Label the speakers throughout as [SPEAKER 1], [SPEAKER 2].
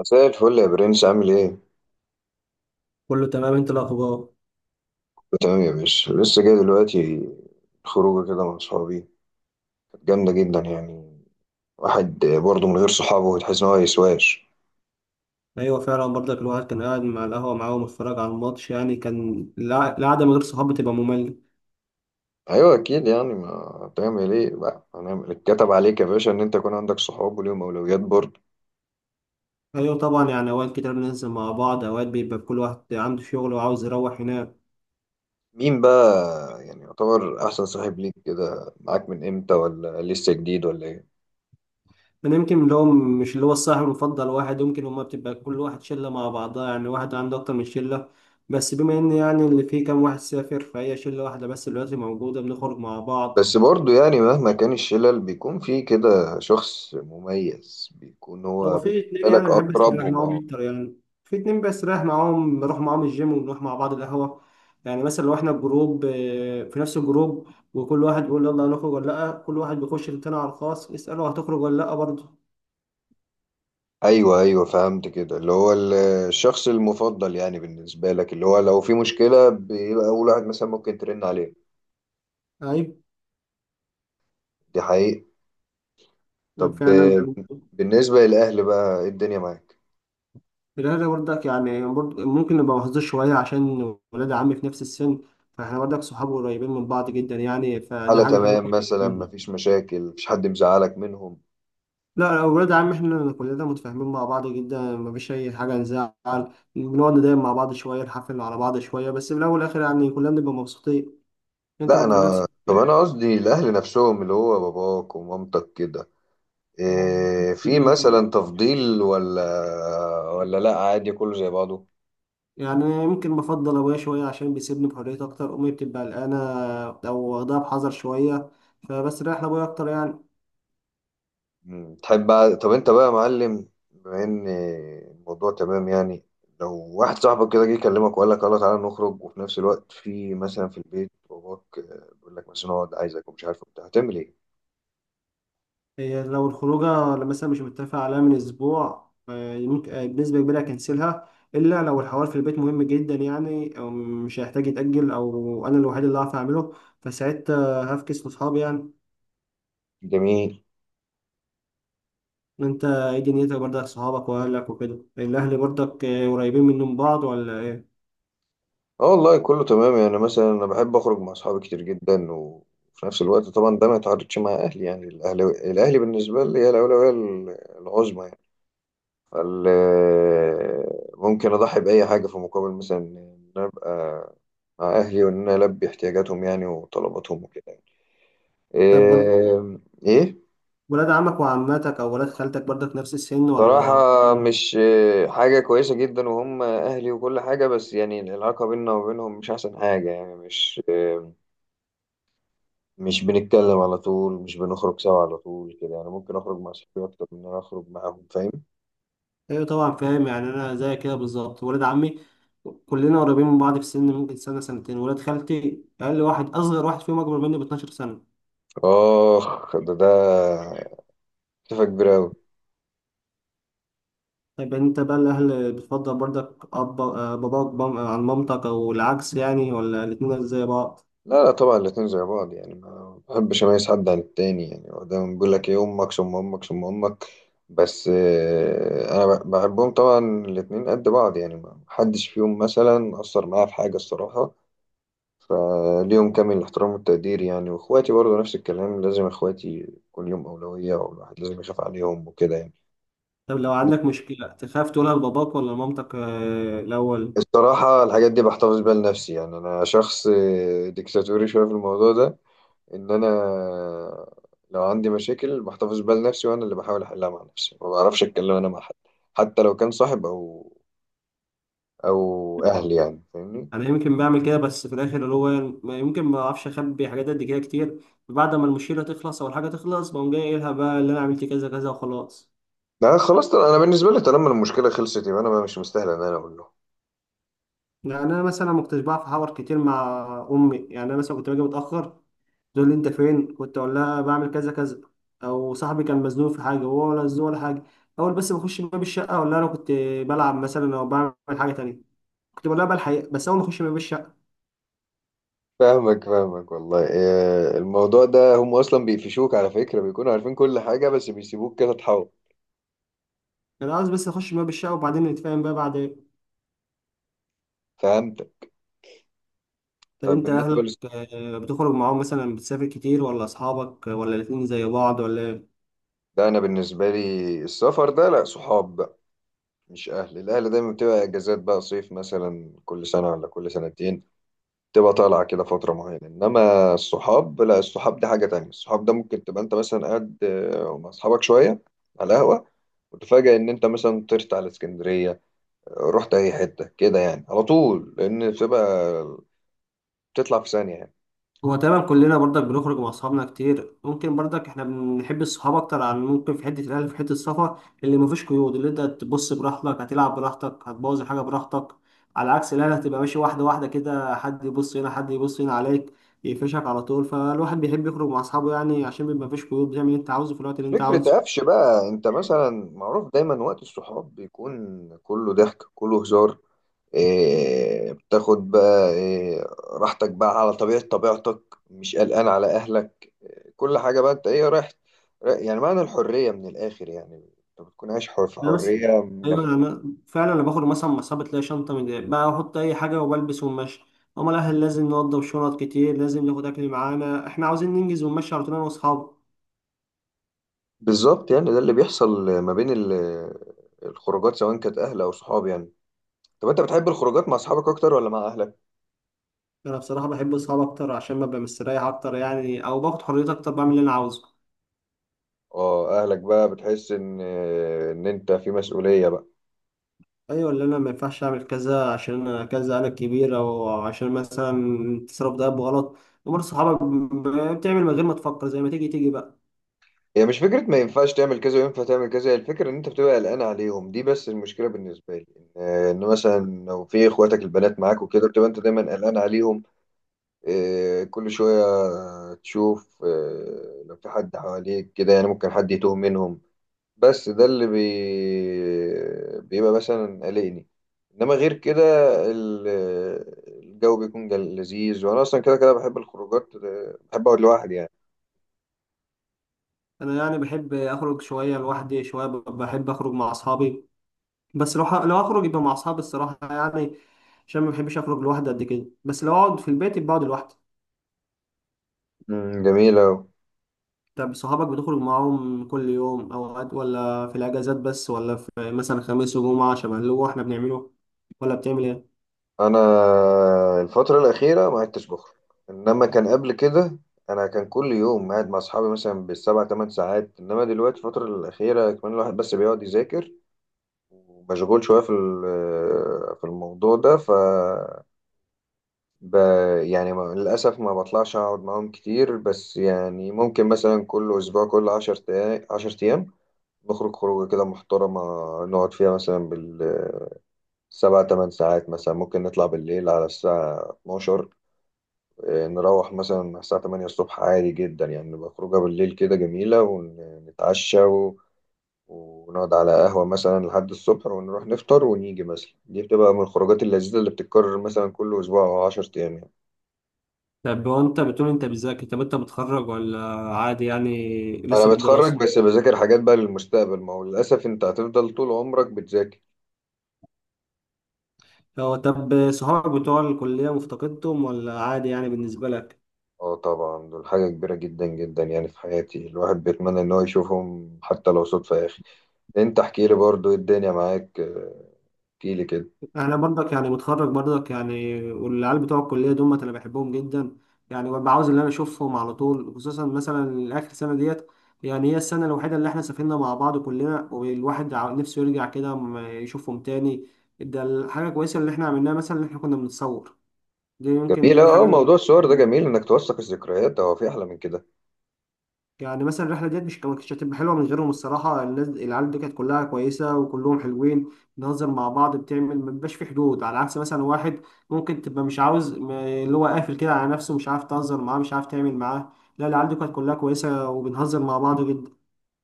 [SPEAKER 1] مساء الفل يا برنس، عامل ايه؟ كله
[SPEAKER 2] كله تمام. انت الاخبار؟
[SPEAKER 1] تمام يا باشا. لسه جاي دلوقتي خروجه كده مع صحابي كانت جامدة جدا يعني. واحد برضه من غير صحابه تحس ان هو يسواش.
[SPEAKER 2] ايوه فعلا برضك الواحد كان قاعد مع القهوه معاهم واتفرج على الماتش، يعني كان القعده من غير صحاب بتبقى ممله.
[SPEAKER 1] ايوه اكيد، يعني ما تعمل ايه بقى؟ هنعمل اتكتب عليك يا باشا ان انت يكون عندك صحاب وليهم اولويات برضه.
[SPEAKER 2] ايوه طبعا، يعني اوقات كتير بننزل مع بعض، اوقات بيبقى كل واحد عنده شغل وعاوز يروح هناك.
[SPEAKER 1] مين بقى يعني يعتبر احسن صاحب ليك كده؟ معاك من امتى ولا لسه جديد ولا ايه؟
[SPEAKER 2] انا يمكن اللي هو مش اللي هو الصاحب المفضل واحد، يمكن هما بتبقى كل واحد شله مع بعضها، يعني واحد عنده اكتر من شله. بس بما ان، يعني اللي فيه كام واحد سافر، فهي شله واحده بس دلوقتي موجوده بنخرج مع بعض.
[SPEAKER 1] بس برضه يعني مهما كان الشلل بيكون في كده شخص مميز بيكون
[SPEAKER 2] هو
[SPEAKER 1] هو
[SPEAKER 2] في اتنين
[SPEAKER 1] بالنسبة لك
[SPEAKER 2] يعني بحب استريح
[SPEAKER 1] اقربهم. اه،
[SPEAKER 2] معاهم اكتر يعني. في اتنين بستريح معاهم، بروح معاهم الجيم، وبنروح مع بعض القهوة. يعني مثلا لو احنا الجروب، في نفس الجروب. وكل واحد بيقول يلا هنخرج ولا لأ، كل واحد بيخش للتاني على الخاص يسأله هتخرج ولا لأ برضه.
[SPEAKER 1] ايوه ايوه فهمت كده. اللي هو الشخص المفضل يعني بالنسبه لك، اللي هو لو في مشكله بيبقى اول واحد مثلا ممكن ترن عليه.
[SPEAKER 2] أيوة،
[SPEAKER 1] دي حقيقه. طب
[SPEAKER 2] فعلا يعني.
[SPEAKER 1] بالنسبه للاهل بقى إيه الدنيا معاك؟
[SPEAKER 2] الأهل برضك، يعني برضه ممكن نبقى محظوظ شوية عشان ولاد عمي في نفس السن. فاحنا برضك صحاب قريبين من بعض جدا، يعني فدي
[SPEAKER 1] حاله
[SPEAKER 2] حاجة حلوة.
[SPEAKER 1] تمام؟ مثلا مفيش مشاكل؟ مفيش حد مزعلك منهم؟
[SPEAKER 2] لا، اولاد عم احنا كلنا متفاهمين مع بعض جدا، مفيش اي حاجه نزعل. بنقعد نضايق مع بعض شويه، نحفل على بعض شويه، بس في الاول والاخر يعني كلنا بنبقى مبسوطين. انت
[SPEAKER 1] لا،
[SPEAKER 2] برضه بنفسك.
[SPEAKER 1] انا طب انا قصدي الاهل نفسهم، اللي هو باباك ومامتك كده. إيه، في مثلا تفضيل ولا ولا لا عادي كله زي بعضه؟
[SPEAKER 2] يعني يمكن بفضل ابويا شويه عشان بيسيبني بحرية اكتر، امي بتبقى قلقانه. او واخدها بحذر شويه. فبس رايح لابويا اكتر يعني.
[SPEAKER 1] مم. تحب بقى؟ طب انت بقى يا معلم، بما ان الموضوع تمام يعني، لو واحد صاحبك كده جه يكلمك وقال لك يلا تعالى نخرج، وفي نفس الوقت في مثلا في البيت باباك بيقول لك مثلا اقعد عايزك ومش عارف وبتاع، هتعمل ايه؟
[SPEAKER 2] هي لو الخروجة اللي مثلا مش متفق عليها من أسبوع، ممكن بنسبة كبيرة أكنسلها. إلا لو الحوار في البيت مهم جدا، يعني أو مش هيحتاج يتأجل، أو أنا الوحيد اللي هعرف أعمله. فساعتها هفكس لأصحابي يعني.
[SPEAKER 1] جميل.
[SPEAKER 2] أنت إيه دنيتك برضك؟ صحابك وأهلك وكده، الأهل برضك قريبين منهم بعض ولا إيه؟
[SPEAKER 1] اه والله كله تمام يعني. مثلا انا بحب اخرج مع اصحابي كتير جدا، وفي نفس الوقت طبعا ده ما يتعارضش مع اهلي يعني. الاهل بالنسبه لي هي الاولويه العظمى يعني. ال- ممكن أضحي بأي حاجة في مقابل مثلا إن أنا أبقى مع أهلي، وإن أنا ألبي احتياجاتهم يعني وطلباتهم وكده يعني.
[SPEAKER 2] طب برضك،
[SPEAKER 1] إيه؟ إيه؟
[SPEAKER 2] ولاد عمك وعماتك أو ولاد خالتك برضك نفس السن
[SPEAKER 1] صراحة
[SPEAKER 2] ولا؟
[SPEAKER 1] مش حاجة كويسة جدا، وهم أهلي وكل حاجة، بس يعني العلاقة بيننا وبينهم مش أحسن حاجة يعني. مش مش بنتكلم على طول، مش بنخرج سوا على طول كده يعني. ممكن أخرج مع صحابي أكتر من إن أنا أخرج معاهم، فاهم؟
[SPEAKER 2] ايوه طبعا فاهم، يعني انا زي كده بالظبط ولاد عمي. كلنا قريبين من بعض في السن، ممكن سنه سنتين، ولاد خالتي اقل واحد اصغر واحد فيهم اكبر مني ب 12 سنه.
[SPEAKER 1] آخ، ده تفاهة كبيرة أوي.
[SPEAKER 2] طيب، يعني انت بقى الاهل بتفضل برضك اب آه، باباك عن مامتك او العكس، يعني ولا الاتنين زي بعض؟
[SPEAKER 1] لا لا طبعا الاتنين زي بعض يعني. ما بحبش اميز حد عن التاني يعني. هو دايما بيقول لك ايه، امك ثم امك ثم امك. بس انا بحبهم طبعا الاتنين قد بعض يعني. ما حدش فيهم مثلا اثر معايا في حاجه الصراحه، فليهم كامل الاحترام والتقدير يعني. واخواتي برضو نفس الكلام. لازم اخواتي كل يوم اولويه، والواحد لازم يخاف عليهم وكده يعني.
[SPEAKER 2] طب لو عندك مشكله تخاف تقولها لباباك ولا لمامتك الاول؟
[SPEAKER 1] الصراحه الحاجات دي بحتفظ بيها لنفسي يعني. انا شخص ديكتاتوري شويه في الموضوع ده. ان انا لو عندي مشاكل بحتفظ بيها لنفسي، وانا اللي بحاول احلها مع نفسي. ما بعرفش اتكلم انا مع حد، حتى لو كان صاحب او اهلي يعني، فاهمني؟
[SPEAKER 2] انا يمكن بعمل كده، بس في الاخر اللي هو يمكن ما اعرفش اخبي حاجات قد كده كتير. بعد ما المشكله تخلص او الحاجه تخلص بقوم جاي قايلها بقى، اللي انا عملت كذا كذا وخلاص.
[SPEAKER 1] لا خلاص طبعا انا بالنسبه لي طالما المشكله خلصت يبقى انا مش مستاهل ان انا اقول له.
[SPEAKER 2] يعني انا مثلا ما كنتش بعرف احاور كتير مع امي، يعني انا مثلا كنت باجي متاخر. تقول لي انت فين كنت، اقول لها بعمل كذا كذا. او صاحبي كان مزنوق في حاجه، وهو ولا مزنوق ولا حاجه. اول بس ما اخش باب الشقه اقول لها انا كنت بلعب مثلا او بعمل حاجه تانية. كنت بقول لها بقى الحقيقه بس اول ما اخش باب الشقه.
[SPEAKER 1] فاهمك والله. الموضوع ده هم اصلا بيقفشوك على فكره، بيكونوا عارفين كل حاجه بس بيسيبوك كده تحاول.
[SPEAKER 2] انا عاوز بس اخش باب الشقه وبعدين نتفاهم بقى بعد.
[SPEAKER 1] فهمتك.
[SPEAKER 2] طب
[SPEAKER 1] طب
[SPEAKER 2] انت
[SPEAKER 1] بالنسبه لي،
[SPEAKER 2] اهلك، بتخرج معاهم مثلا، بتسافر كتير ولا اصحابك ولا الاتنين زي بعض ولا إيه؟
[SPEAKER 1] ده انا بالنسبه لي السفر ده لا، صحاب بقى مش اهل. الاهل دايما بتبقى اجازات بقى، صيف مثلا كل سنه ولا كل سنتين، تبقى طالعة كده فترة معينة. إنما الصحاب لا، الصحاب دي حاجة تانية. الصحاب ده ممكن تبقى أنت مثلا قاعد مع أصحابك شوية على القهوة وتفاجأ إن أنت مثلا طرت على اسكندرية، رحت أي حتة كده يعني على طول، لأن بتبقى بتطلع في ثانية يعني.
[SPEAKER 2] هو تقريبا كلنا برضك بنخرج مع اصحابنا كتير، ممكن برضك احنا بنحب الصحاب اكتر عن ممكن في حته الاهل في حته السفر. اللي مفيش قيود، اللي انت تبص براحتك، هتلعب براحتك، هتبوظ الحاجه براحتك. على عكس الاهل، هتبقى ماشي واحده واحده كده، حد يبص هنا حد يبص هنا عليك. يقفشك على طول، فالواحد بيحب يخرج مع اصحابه يعني، عشان بيبقى مفيش قيود، بتعمل اللي انت عاوزه في الوقت اللي انت
[SPEAKER 1] فكرة
[SPEAKER 2] عاوزه.
[SPEAKER 1] قفش بقى، أنت مثلا معروف دايما وقت الصحاب بيكون كله ضحك كله هزار. إيه، بتاخد بقى إيه، راحتك بقى على طبيعة طبيعتك، مش قلقان على أهلك، كل حاجة بقى. انت ايه، يعني معنى الحرية من الآخر يعني. انت بتكون عايش حر في
[SPEAKER 2] لا
[SPEAKER 1] حرية
[SPEAKER 2] بس، ايوه
[SPEAKER 1] جامدة.
[SPEAKER 2] انا فعلا انا باخد مثلا مصابة، تلاقي شنطه من دي، بقى احط اي حاجه وبلبس ونمشي. امال الاهل لازم نوضب شنط كتير، لازم ناخد اكل معانا، احنا عاوزين ننجز ونمشي على طول انا واصحابي.
[SPEAKER 1] بالظبط، يعني ده اللي بيحصل ما بين الخروجات سواء كانت أهل أو صحاب يعني. طب انت بتحب الخروجات مع أصحابك أكتر ولا مع أهلك؟
[SPEAKER 2] انا بصراحه بحب اصحابي اكتر، عشان ببقى مستريح اكتر، يعني او باخد حريتي اكتر بعمل اللي انا عاوزه.
[SPEAKER 1] اه، أهلك بقى بتحس إن أنت في مسؤولية بقى.
[SPEAKER 2] ايوه، اللي انا ما ينفعش اعمل كذا عشان انا كذا انا الكبير، او عشان مثلا تصرف ده بغلط. امال صحابك بتعمل من غير ما تفكر، زي ما تيجي تيجي بقى.
[SPEAKER 1] هي مش فكرة ما ينفعش تعمل كذا وينفع تعمل كذا، هي الفكرة إن أنت بتبقى قلقان عليهم، دي بس المشكلة بالنسبة لي. إن مثلا لو في إخواتك البنات معاك وكده بتبقى أنت دايما قلقان عليهم. كل شوية تشوف لو في حد حواليك كده يعني، ممكن حد يتوه منهم. بس ده اللي بيبقى مثلا قلقني. إنما غير كده ال- الجو بيكون لذيذ، وأنا أصلا كده كده بحب الخروجات. بحب أقعد لوحدي يعني.
[SPEAKER 2] انا يعني بحب اخرج شويه لوحدي، شويه بحب اخرج مع اصحابي. بس لو هخرج يبقى مع اصحابي، الصراحه يعني. عشان ما بحبش اخرج لوحدي قد كده، بس لو اقعد في البيت يبقى اقعد لوحدي.
[SPEAKER 1] مم، جميل أوي.
[SPEAKER 2] طب صحابك بتخرج معاهم كل يوم اوقات، ولا في الاجازات بس، ولا في مثلا خميس وجمعه شبه اللي هو احنا بنعمله؟ ولا بتعمل ايه؟
[SPEAKER 1] أنا الفترة الأخيرة ما عدتش بخرج، إنما كان قبل كده أنا كان كل يوم قاعد مع أصحابي مثلا بالسبع تمن ساعات. إنما دلوقتي الفترة الأخيرة كمان الواحد بس بيقعد يذاكر، ومشغول شوية في في الموضوع ده، ب... يعني للأسف ما بطلعش أقعد معاهم كتير. بس يعني ممكن مثلا كل أسبوع، كل عشر أيام، نخرج خروجة كده محترمة نقعد فيها مثلا بالسبع تمن ساعات. مثلا ممكن نطلع بالليل على الساعة 12، نروح مثلا على الساعة 8 الصبح عادي جدا يعني. نبقى خروجة بالليل كده جميلة، ونتعشى ونقعد على قهوة مثلا لحد الصبح، ونروح نفطر ونيجي. مثلا دي بتبقى من الخروجات اللذيذة اللي بتتكرر مثلا كل أسبوع أو 10 أيام يعني.
[SPEAKER 2] طب هو انت بتقول انت بتذاكر، طب انت متخرج ولا؟ عادي يعني،
[SPEAKER 1] أنا
[SPEAKER 2] لسه
[SPEAKER 1] متخرج
[SPEAKER 2] بالدراسه؟
[SPEAKER 1] بس بذاكر حاجات بقى للمستقبل، ما هو للأسف أنت هتفضل طول عمرك بتذاكر.
[SPEAKER 2] هو طب صحابك بتوع الكليه مفتقدتهم، ولا عادي يعني بالنسبه لك؟
[SPEAKER 1] اه طبعا دول حاجة كبيرة جدا جدا يعني في حياتي. الواحد بيتمنى إن هو يشوفهم حتى لو صدفة يا أخي. أنت احكي لي برضو إيه الدنيا معاك، احكي لي كده.
[SPEAKER 2] انا برضك يعني متخرج برضك يعني، والعيال بتوع الكليه دول انا بحبهم جدا. يعني ببقى عاوز ان انا اشوفهم على طول، خصوصا مثلا اخر سنه ديت. يعني هي السنه الوحيده اللي احنا سافرنا مع بعض كلنا، والواحد نفسه يرجع كده يشوفهم تاني. ده الحاجه كويسه اللي احنا عملناها، مثلا ان احنا كنا بنتصور. دي يمكن دي
[SPEAKER 1] جميل. اه،
[SPEAKER 2] الحاجه.
[SPEAKER 1] موضوع الصور ده جميل، انك توثق الذكريات، هو في احلى من كده؟
[SPEAKER 2] يعني مثلا الرحله ديت مش كانت هتبقى حلوه من غيرهم، الصراحه الناس العيال دي كانت كلها كويسه وكلهم حلوين. بنهزر مع بعض، بتعمل ما بيبقاش في حدود، على عكس مثلا واحد ممكن تبقى مش عاوز اللي هو قافل كده على نفسه، مش عارف تهزر معاه مش عارف تعمل معاه. لا، العيال دي كانت كلها كويسه وبنهزر مع بعض جدا.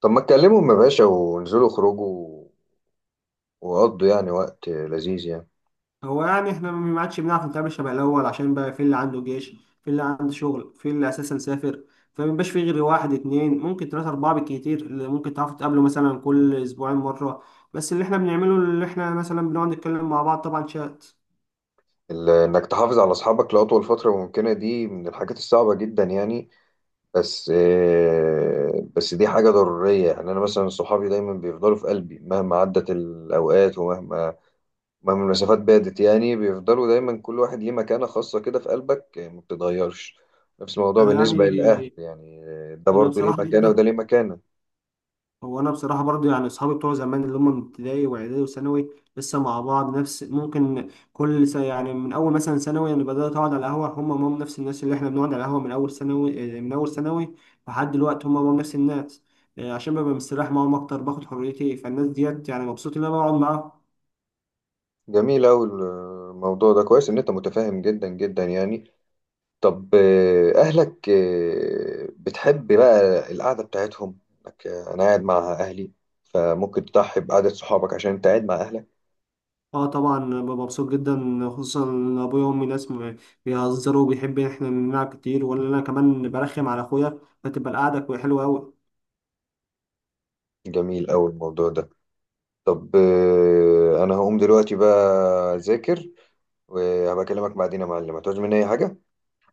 [SPEAKER 1] طب ما تكلمهم يا باشا، وانزلوا اخرجوا وقضوا يعني وقت لذيذ يعني.
[SPEAKER 2] هو يعني احنا ما عادش بنعرف نتعامل شبه الاول، عشان بقى في اللي عنده جيش، في اللي عنده شغل، في اللي اساسا سافر. فمبقاش في غير واحد اتنين، ممكن تلاتة أربعة بالكتير، اللي ممكن تعرفوا تقابلوا مثلا كل أسبوعين مرة. بس اللي احنا بنعمله، اللي احنا مثلا بنقعد نتكلم مع بعض طبعا شات.
[SPEAKER 1] انك تحافظ على اصحابك لاطول فتره ممكنه دي من الحاجات الصعبه جدا يعني. بس بس دي حاجه ضروريه يعني. انا مثلا صحابي دايما بيفضلوا في قلبي مهما عدت الاوقات، ومهما المسافات بعدت يعني. بيفضلوا دايما، كل واحد ليه مكانه خاصه كده في قلبك، ما بتتغيرش. نفس الموضوع
[SPEAKER 2] أنا
[SPEAKER 1] بالنسبه للاهل
[SPEAKER 2] يعني،
[SPEAKER 1] يعني، ده
[SPEAKER 2] أنا
[SPEAKER 1] برضو ليه
[SPEAKER 2] بصراحة.
[SPEAKER 1] مكانه، وده ليه مكانه.
[SPEAKER 2] هو انا بصراحه برضو، يعني اصحابي بتوع زمان اللي هم من ابتدائي واعدادي وثانوي لسه مع بعض نفس ممكن يعني من اول مثلا ثانوي انا بدات اقعد على القهوه، هم نفس الناس اللي احنا بنقعد على القهوه من اول ثانوي لحد دلوقتي هم نفس الناس. عشان ببقى مستريح معاهم اكتر، باخد حريتي، فالناس ديت يعني مبسوط ان انا بقعد معاهم.
[SPEAKER 1] جميل أوي الموضوع ده، كويس إن أنت متفاهم جدا جدا يعني. طب أهلك بتحب بقى القعدة بتاعتهم؟ إنك، أنا قاعد مع أهلي، فممكن تضحي بقعدة صحابك عشان أنت قاعد مع أهلك.
[SPEAKER 2] اه طبعا ببقى مبسوط جدا، خصوصا ان ابويا وامي ناس بيهزروا وبيحب ان احنا نلعب كتير ولا انا كمان برخم على اخويا. فتبقى القعده حلوه قوي.
[SPEAKER 1] جميل أوي الموضوع ده. طب أنا هقوم دلوقتي بقى أذاكر، وهبقى أكلمك بعدين يا معلم. هتعوز مني أي حاجة؟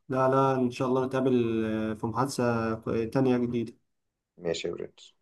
[SPEAKER 2] لا، لا، إن شاء الله نتقابل في محادثة تانية جديدة.
[SPEAKER 1] ماشي يا برنس.